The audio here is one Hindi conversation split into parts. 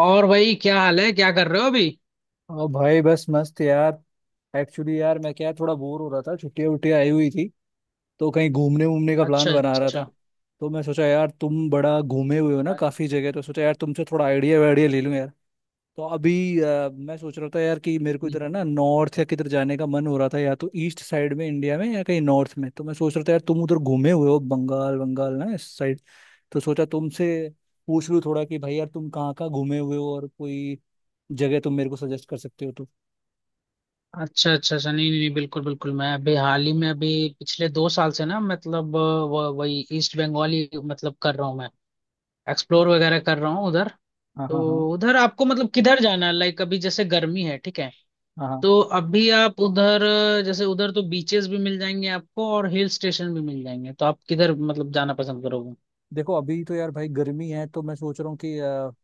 और भाई, क्या हाल है? क्या कर रहे हो अभी? और भाई बस मस्त यार। एक्चुअली यार मैं क्या थोड़ा बोर हो रहा था, छुट्टियां वुट्टियां आई हुई थी तो कहीं घूमने वूमने का अच्छा प्लान बना रहा था। अच्छा तो मैं सोचा यार तुम बड़ा घूमे हुए हो ना काफी जगह, तो सोचा यार तुमसे थोड़ा आइडिया वाइडिया ले लूं यार। तो अभी मैं सोच रहा था यार कि मेरे को इधर है ना नॉर्थ या किधर जाने का मन हो रहा था, या तो ईस्ट साइड में इंडिया में या कहीं नॉर्थ में। तो मैं सोच रहा था यार तुम उधर घूमे हुए हो, बंगाल बंगाल ना इस साइड। तो सोचा तुमसे पूछ लूं थोड़ा कि भाई यार तुम कहाँ कहाँ घूमे हुए हो, और कोई जगह तुम मेरे को सजेस्ट कर सकते हो तो। अच्छा अच्छा अच्छा। नहीं नहीं नहीं, बिल्कुल बिल्कुल। मैं अभी हाल ही में, अभी पिछले 2 साल से ना, मतलब वही ईस्ट बंगाली मतलब कर रहा हूँ। मैं एक्सप्लोर वगैरह कर रहा हूँ उधर। हाँ हाँ हाँ। तो उधर आपको मतलब किधर जाना है? लाइक अभी जैसे गर्मी है, ठीक है। हाँ हाँ। तो अभी आप उधर जैसे उधर तो बीचेस भी मिल जाएंगे आपको और हिल स्टेशन भी मिल जाएंगे। तो आप किधर मतलब जाना पसंद करोगे? देखो अभी तो यार भाई गर्मी है तो मैं सोच रहा हूँ कि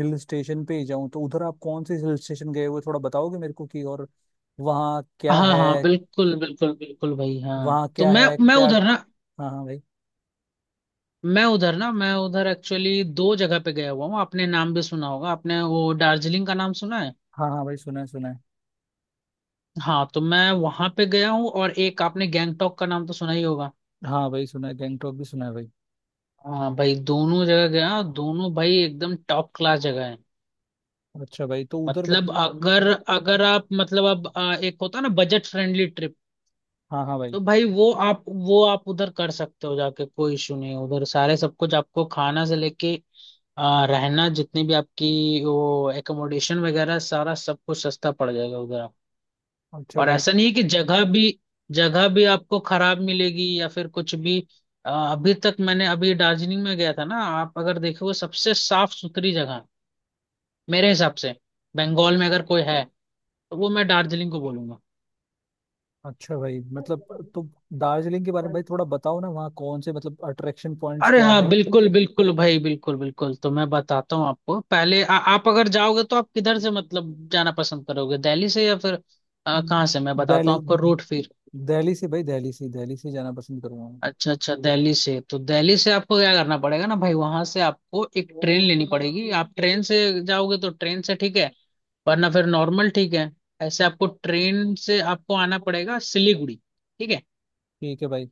हिल स्टेशन पे ही जाऊँ। तो उधर आप कौन से हिल स्टेशन गए हुए थोड़ा बताओगे मेरे को कि, और वहाँ क्या हाँ है, हाँ, बिल्कुल बिल्कुल बिल्कुल भाई। हाँ, वहाँ तो क्या मैं है मैं क्या। उधर ना हाँ हाँ भाई। मैं उधर ना मैं उधर एक्चुअली दो जगह पे गया हुआ हूँ। आपने नाम भी सुना होगा। आपने वो दार्जिलिंग का नाम सुना है? हाँ हाँ भाई, सुना है सुना है। हाँ, तो मैं वहां पे गया हूँ। और एक आपने गैंगटॉक का नाम तो सुना ही होगा। हाँ भाई सुना है, गैंगटॉक भी सुना है भाई। हाँ भाई, दोनों जगह गया। दोनों भाई एकदम टॉप क्लास जगह है। अच्छा भाई, तो उधर मतलब मतलब। अगर अगर आप मतलब अब, एक होता है ना बजट फ्रेंडली ट्रिप। हाँ हाँ भाई। तो भाई वो आप, वो आप उधर कर सकते हो जाके, कोई इशू नहीं है। उधर सारे सब कुछ आपको खाना से लेके रहना, जितनी भी आपकी वो एकोमोडेशन वगैरह, सारा सब कुछ सस्ता पड़ जाएगा उधर आप। अच्छा और भाई। ऐसा नहीं है कि जगह भी, जगह भी आपको खराब मिलेगी या फिर कुछ भी। अभी तक मैंने, अभी दार्जिलिंग में गया था ना। आप अगर देखोगे सबसे साफ सुथरी जगह है, मेरे हिसाब से। बंगाल में अगर कोई है तो वो मैं दार्जिलिंग को अच्छा भाई मतलब, बोलूंगा। तो दार्जिलिंग के बारे में भाई थोड़ा बताओ ना, वहाँ कौन से मतलब अट्रैक्शन पॉइंट्स अरे क्या हाँ, है। बिल्कुल बिल्कुल भाई, बिल्कुल बिल्कुल। तो मैं बताता हूँ आपको पहले, आप अगर जाओगे तो आप किधर से मतलब जाना पसंद करोगे? दिल्ली से या फिर कहाँ से? मैं बताता दिल्ली। हूँ आपको रूट फिर। दिल्ली से भाई, दिल्ली से, दिल्ली से जाना पसंद करूंगा मैं। अच्छा अच्छा। दिल्ली से तो दिल्ली से आपको क्या करना पड़ेगा ना भाई, वहां से आपको एक ट्रेन लेनी पड़ेगी। आप ट्रेन से जाओगे तो ट्रेन से ठीक है, वरना फिर नॉर्मल ठीक है। ऐसे आपको ट्रेन से आपको आना पड़ेगा सिलीगुड़ी, ठीक है। ठीक है भाई।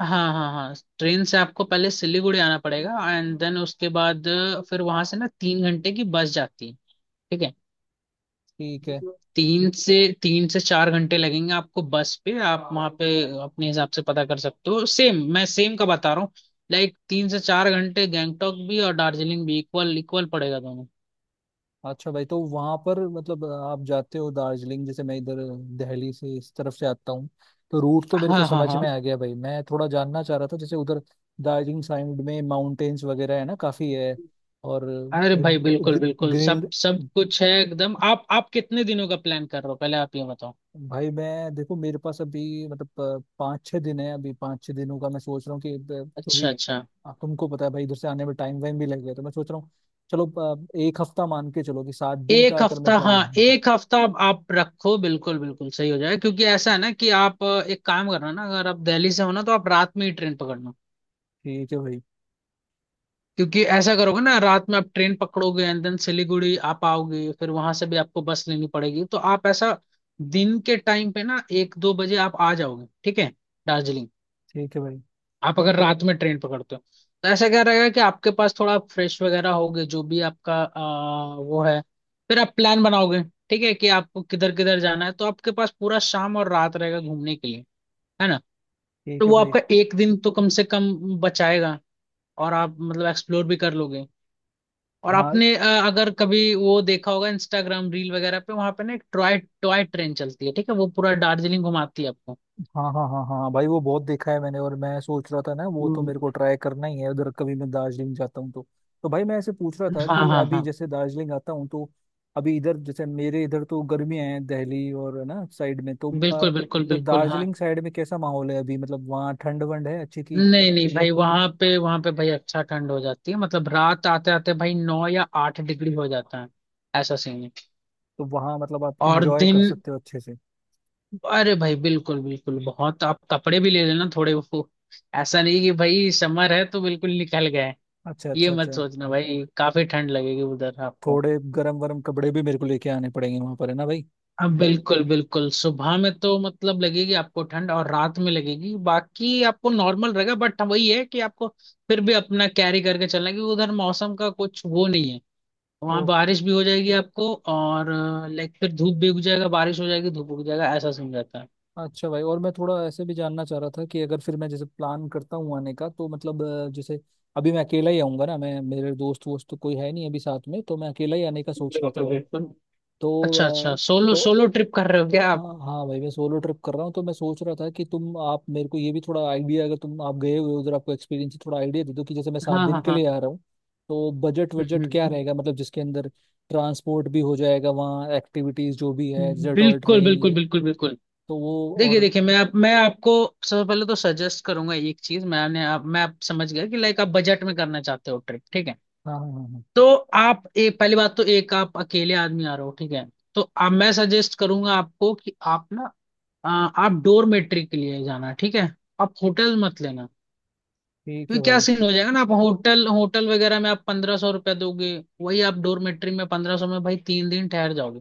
हाँ हाँ हाँ। ट्रेन से आपको पहले सिलीगुड़ी आना पड़ेगा, एंड देन उसके बाद फिर वहां से ना 3 घंटे की बस जाती है, ठीक है। ठीक है। तीन से तीन से चार घंटे लगेंगे आपको बस पे। आप वहां पे अपने हिसाब से पता कर सकते हो, सेम मैं सेम का बता रहा हूँ। लाइक 3 से 4 घंटे, गैंगटॉक भी और दार्जिलिंग भी इक्वल इक्वल पड़ेगा दोनों। अच्छा भाई तो वहां पर मतलब आप जाते हो दार्जिलिंग, जैसे मैं इधर दिल्ली से इस तरफ से आता हूँ, तो रूट तो मेरे को हाँ हाँ समझ हाँ। में आ गया भाई। मैं थोड़ा जानना चाह रहा था जैसे उधर दार्जिलिंग साइड में माउंटेन्स वगैरह है ना, काफी है। और अरे भाई बिल्कुल बिल्कुल, ग्रीन। सब सब कुछ है एकदम। आप कितने दिनों का प्लान कर रहे हो? पहले आप ये बताओ। भाई मैं देखो, मेरे पास अभी मतलब पाँच छः दिन है अभी। पाँच छः दिनों का मैं सोच रहा हूँ कि अच्छा क्योंकि अच्छा। तुमको पता है भाई इधर से आने में टाइम वाइम भी लगेगा, तो मैं सोच रहा हूँ चलो एक हफ्ता मान के चलो, कि सात दिन का एक अगर हफ्ता, मैं हाँ प्लान। हाँ, हाँ। एक हफ्ता आप रखो, बिल्कुल बिल्कुल सही हो जाएगा। क्योंकि ऐसा है ना कि आप, एक काम करना ना, अगर आप दिल्ली से हो ना तो आप रात में ही ट्रेन पकड़ना। ठीक है भाई। क्योंकि ऐसा करोगे ना, रात में आप ट्रेन पकड़ोगे, एंड देन सिलीगुड़ी आप आओगे, फिर वहां से भी आपको बस लेनी पड़ेगी। तो आप ऐसा दिन के टाइम पे ना, एक दो बजे आप आ जाओगे, ठीक है, दार्जिलिंग। ठीक है भाई। आप अगर रात में ट्रेन पकड़ते हो तो ऐसा क्या रहेगा कि आपके पास थोड़ा फ्रेश वगैरह होगे, जो भी आपका वो है। फिर आप प्लान बनाओगे, ठीक है, कि आपको किधर किधर जाना है। तो आपके पास पूरा शाम और रात रहेगा घूमने के लिए, है ना। ठीक तो है वो भाई। आपका एक दिन तो कम से कम बचाएगा, और आप मतलब एक्सप्लोर भी कर लोगे। और हाँ आपने अगर कभी वो देखा होगा इंस्टाग्राम रील वगैरह पे, वहां पे ना एक टॉय टॉय ट्रेन चलती है, ठीक है, वो पूरा दार्जिलिंग घुमाती है आपको। हाँ हाँ हाँ। हाँ भाई वो बहुत देखा है मैंने, और मैं सोच रहा था ना वो तो मेरे हम्म, को ट्राई करना ही है उधर, कभी मैं दार्जिलिंग जाता हूँ तो। तो भाई मैं ऐसे पूछ रहा था हाँ कि हाँ अभी हाँ, जैसे दार्जिलिंग आता हूँ तो अभी इधर, जैसे मेरे इधर तो गर्मियाँ हैं दिल्ली और है ना साइड में, तो बिल्कुल बिल्कुल तो बिल्कुल हाँ। दार्जिलिंग साइड में कैसा माहौल है अभी, मतलब वहाँ ठंड वंड है अच्छी की। नहीं नहीं भाई, वहां पे, वहां पे भाई अच्छा ठंड हो जाती है। मतलब रात आते आते भाई 9 या 8 डिग्री हो जाता है, ऐसा सीन है। तो वहाँ मतलब आप और इंजॉय कर दिन, सकते हो अच्छे से। अरे भाई बिल्कुल बिल्कुल बहुत। आप कपड़े भी ले लेना थोड़े वो, ऐसा नहीं कि भाई समर है तो बिल्कुल निकल गए, अच्छा ये अच्छा मत अच्छा। सोचना भाई। काफी ठंड लगेगी उधर आपको। थोड़े गर्म वर्म कपड़े भी मेरे को लेके आने पड़ेंगे वहाँ पर है ना भाई। अब बिल्कुल बिल्कुल, सुबह में तो मतलब लगेगी आपको ठंड, और रात में लगेगी, बाकी आपको नॉर्मल रहेगा। बट वही है कि आपको फिर भी अपना कैरी करके चलना है, क्योंकि उधर मौसम का कुछ वो नहीं है। वहां बारिश भी हो जाएगी आपको, और लाइक फिर धूप भी उग जाएगा, बारिश हो जाएगी धूप उग जाएगा, ऐसा सीन रहता है। अच्छा भाई, और मैं थोड़ा ऐसे भी जानना चाह रहा था कि अगर फिर मैं जैसे प्लान करता हूँ आने का, तो मतलब जैसे अभी मैं अकेला ही आऊंगा ना, मैं मेरे दोस्त वोस्त तो कोई है नहीं अभी साथ में, तो मैं अकेला ही आने का सोच रहा बिल्कुल था। बिल्कुल। अच्छा तो अच्छा, सोलो तो सोलो ट्रिप कर रहे हो क्या आप? हाँ भाई मैं सोलो ट्रिप कर रहा हूँ, तो मैं सोच रहा था कि तुम आप मेरे को ये भी थोड़ा आइडिया, अगर तुम आप गए हुए हो उधर, आपको एक्सपीरियंस है, थोड़ा आइडिया दे दो कि जैसे मैं सात हाँ दिन हाँ के हाँ। लिए आ रहा हूँ तो बजट हम्म, बजट क्या हम्म, रहेगा, मतलब जिसके अंदर ट्रांसपोर्ट भी हो जाएगा, वहाँ एक्टिविटीज जो भी है जैसे टॉय बिल्कुल ट्रेन बिल्कुल ये। बिल्कुल बिल्कुल। तो वो, देखिए और, देखिए, मैं आपको सबसे पहले तो सजेस्ट करूंगा एक चीज। मैं आप समझ गया कि लाइक आप बजट में करना चाहते हो ट्रिप, ठीक है। हाँ हाँ हाँ हाँ। तो आप, एक पहली बात तो, एक आप अकेले आदमी आ रहे हो, ठीक है। तो आप, मैं सजेस्ट करूंगा आपको कि आप ना, आ, आप डोरमेट्री के लिए जाना, ठीक है। आप होटल मत लेना। ठीक है क्योंकि क्या भाई। सीन हो जाएगा ना, आप होटल होटल वगैरह में आप 1500 रुपया दोगे, वही आप डोरमेट्री में 1500 में भाई 3 दिन ठहर जाओगे।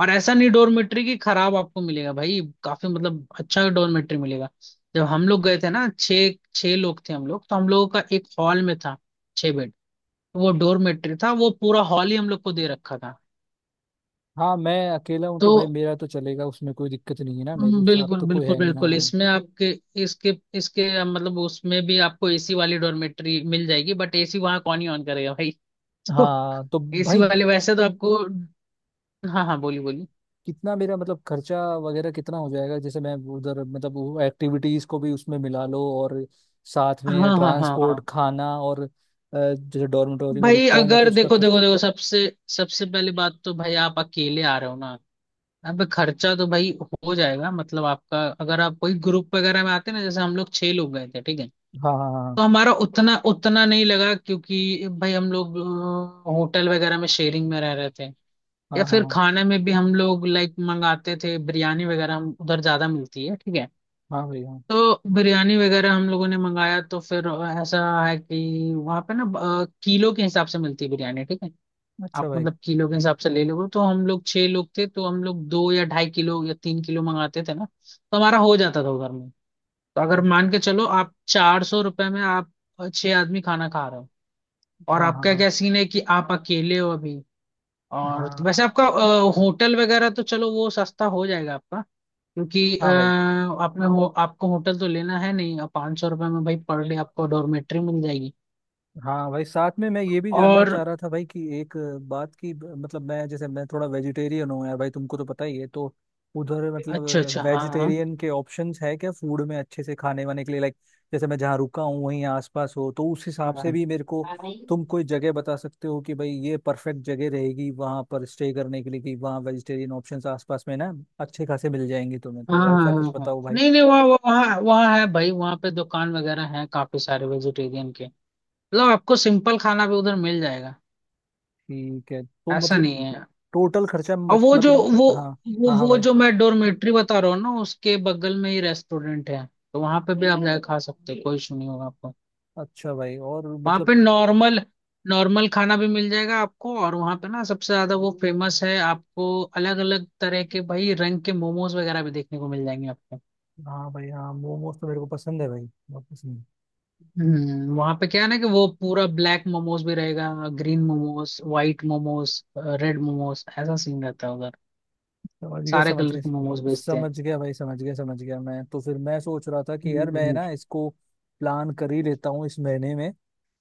और ऐसा नहीं डोरमेट्री की खराब आपको मिलेगा भाई, काफी मतलब अच्छा डोरमेट्री मिलेगा। जब हम लोग गए थे ना, छः छः लोग थे हम लोग, तो हम लोगों का एक हॉल में था छः बेड। तो वो डोरमेट्री था, वो पूरा हॉल ही हम लोग को दे रखा था। हाँ मैं अकेला हूँ तो तो भाई मेरा तो चलेगा उसमें, कोई दिक्कत नहीं है ना, मेरे साथ बिल्कुल तो कोई बिल्कुल है नहीं। बिल्कुल। हाँ इसमें आपके, इसके इसके अ, मतलब उसमें भी आपको एसी वाली डॉर्मेट्री मिल जाएगी, बट एसी वहां कौन ही ऑन करेगा भाई तो हाँ। तो एसी भाई वाले वैसे तो आपको, हाँ हाँ, बोलिए बोलिए। कितना मेरा मतलब खर्चा वगैरह कितना हो जाएगा, जैसे मैं उधर मतलब वो एक्टिविटीज को भी उसमें मिला लो, और साथ में हाँ हाँ हाँ ट्रांसपोर्ट, हाँ खाना, और जैसे डॉर्मेटोरी में भाई, रुकता हूँ मैं तो अगर उसका देखो देखो खर्च। देखो, सबसे सबसे पहली बात तो भाई आप अकेले आ रहे हो ना, अब खर्चा तो भाई हो जाएगा मतलब आपका। अगर आप कोई ग्रुप वगैरह में आते ना, जैसे हम लोग छह लोग गए थे, ठीक है। हाँ हाँ तो हमारा उतना उतना नहीं लगा, क्योंकि भाई हम लोग होटल वगैरह में शेयरिंग में रह रहे थे। हाँ या फिर हाँ। खाने में भी हम लोग लाइक मंगाते थे बिरयानी वगैरह, हम उधर ज्यादा मिलती है, ठीक है। हाँ हाँ हाँ हाँ भाई हाँ। तो बिरयानी वगैरह हम लोगों ने मंगाया, तो फिर ऐसा है कि वहाँ पे ना किलो के हिसाब से मिलती है बिरयानी, ठीक है। आप अच्छा भाई। मतलब किलो के हिसाब से ले लोगे तो, हम लोग छह लोग थे, तो हम लोग दो या 2.5 किलो या 3 किलो मंगाते थे ना, तो हमारा हो जाता था उधर में। तो अगर अ- मान के चलो आप 400 रुपये में आप छह आदमी खाना खा रहे हो। और हाँ हाँ आपका हाँ क्या सीन है कि आप अकेले हो अभी, और तो हाँ वैसे आपका होटल वगैरह तो चलो वो सस्ता हो जाएगा आपका। क्योंकि हाँ भाई। आपने हो आपको होटल तो लेना है नहीं, अब 500 रुपये में भाई पर डे आपको डॉर्मेट्री मिल जाएगी। हाँ भाई साथ में मैं ये भी जानना और चाह रहा था भाई कि एक बात की, मतलब मैं जैसे मैं थोड़ा वेजिटेरियन हूँ यार भाई, तुमको तो पता ही है, तो उधर मतलब अच्छा अच्छा, हाँ हाँ वेजिटेरियन के ऑप्शंस है क्या फूड में, अच्छे से खाने वाने के लिए, लाइक जैसे मैं जहाँ रुका हूँ वहीं आसपास हो, तो उस हिसाब हाँ से भी मेरे को हाँ तुम कोई जगह बता सकते हो कि भाई ये परफेक्ट जगह रहेगी वहाँ पर स्टे करने के लिए, कि वहाँ वेजिटेरियन ऑप्शंस आसपास में ना अच्छे खासे मिल जाएंगे तुम्हें, हाँ तो ऐसा कुछ हाँ हाँ। बताओ भाई। नहीं नहीं, वहाँ वहाँ वहाँ वहाँ है भाई, वहाँ पे दुकान वगैरह है काफी सारे वेजिटेरियन के। मतलब आपको सिंपल खाना भी उधर मिल जाएगा, ठीक है, तो ऐसा मतलब नहीं है। टोटल खर्चा और वो जो मतलब, हाँ। हाँ हाँ भाई। मैं डोरमेट्री बता रहा हूँ ना, उसके बगल में ही रेस्टोरेंट है। तो वहां पे भी आप जाके खा सकते हो, कोई इशू नहीं होगा आपको। अच्छा भाई, और वहां मतलब। पे नॉर्मल नॉर्मल खाना भी मिल जाएगा आपको। और वहां पे ना सबसे ज्यादा वो फेमस है, आपको अलग अलग तरह के भाई रंग के मोमोज वगैरह भी देखने को मिल जाएंगे आपको। हाँ भाई, हाँ मोमोज तो मेरे को पसंद है भाई, बहुत पसंद है। वहां पे क्या है ना कि वो पूरा ब्लैक मोमोज भी रहेगा, green momos, white momos, red momos, ऐसा सीन रहता है उधर, समझ गया सारे समझ कलर गया। के मोमोज बेचते हैं। समझ गया भाई, समझ गया समझ गया। मैं तो फिर मैं सोच रहा था कि हम्म यार मैं हम्म, ना इसको प्लान कर ही लेता हूँ इस महीने में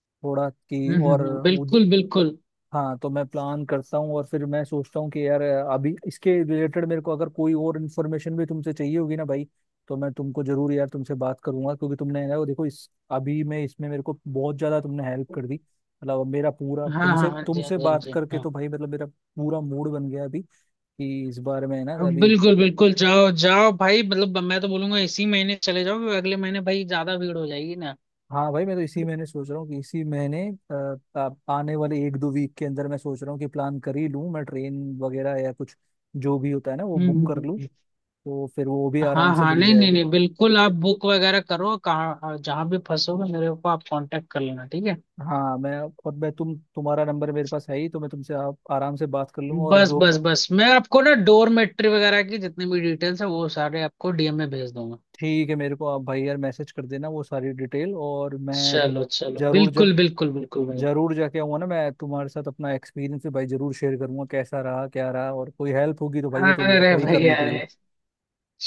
थोड़ा, कि और। बिल्कुल बिल्कुल। हाँ तो मैं प्लान करता हूँ, और फिर मैं सोचता हूँ कि यार अभी इसके रिलेटेड मेरे को अगर कोई और इन्फॉर्मेशन भी तुमसे चाहिए होगी ना भाई, तो मैं तुमको जरूर यार तुमसे बात करूंगा, क्योंकि तुमने यार देखो इस अभी मैं इसमें मेरे को बहुत ज्यादा तुमने हेल्प कर दी, मतलब अब मेरा पूरा हाँ हाँ तुमसे हाँ जी, हाँ तुमसे जी, बात करके हाँ तो जी। भाई मतलब मेरा पूरा मूड बन गया अभी कि इस बार में है ना हाँ अभी। बिल्कुल बिल्कुल, जाओ जाओ भाई, मतलब मैं तो बोलूंगा इसी महीने चले जाओ, क्योंकि अगले महीने भाई ज्यादा भीड़ हो जाएगी ना। हाँ भाई मैं तो इसी महीने सोच रहा हूँ कि इसी महीने आने वाले एक दो वीक के अंदर मैं सोच रहा हूँ कि प्लान कर ही लूँ, मैं ट्रेन वगैरह या कुछ जो भी होता है ना वो हम्म बुक कर हम्म, लूँ, हम्म। तो फिर वो भी हाँ आराम से हाँ, मिल नहीं नहीं जाएगी। नहीं, बिल्कुल आप बुक वगैरह करो, कहाँ हाँ, जहाँ भी फंसोगे मेरे को आप कांटेक्ट कर लेना, ठीक है। हाँ मैं, और मैं तुम्हारा नंबर मेरे पास है ही, तो मैं तुमसे आप आराम से बात कर लूँगा और बस जो। बस बस, मैं आपको ना डोरमेट्री वगैरह की जितनी भी डिटेल्स है वो सारे आपको डीएम में भेज दूंगा। ठीक है, मेरे को आप भाई यार मैसेज कर देना वो सारी डिटेल, और मैं चलो चलो जरूर जब, बिल्कुल बिल्कुल बिल्कुल भाई। जरूर जाके आऊँगा ना मैं, तुम्हारे साथ अपना एक्सपीरियंस भी भाई जरूर शेयर करूंगा, कैसा रहा क्या रहा, और कोई हेल्प होगी तो भाई वो तो अरे हो ही भाई, करने के लिए। अरे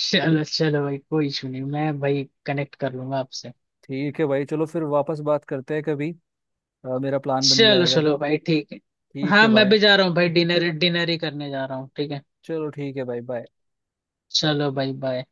चलो चलो भाई, कोई इशू नहीं, मैं भाई कनेक्ट कर लूंगा आपसे। ठीक है भाई चलो फिर वापस बात करते हैं कभी मेरा प्लान बन चलो जाएगा चलो जब। भाई ठीक है। ठीक हाँ है मैं भाई। भी जा रहा हूँ भाई, डिनर डिनर ही करने जा रहा हूँ, ठीक है। चलो ठीक है भाई, बाय। चलो भाई बाय।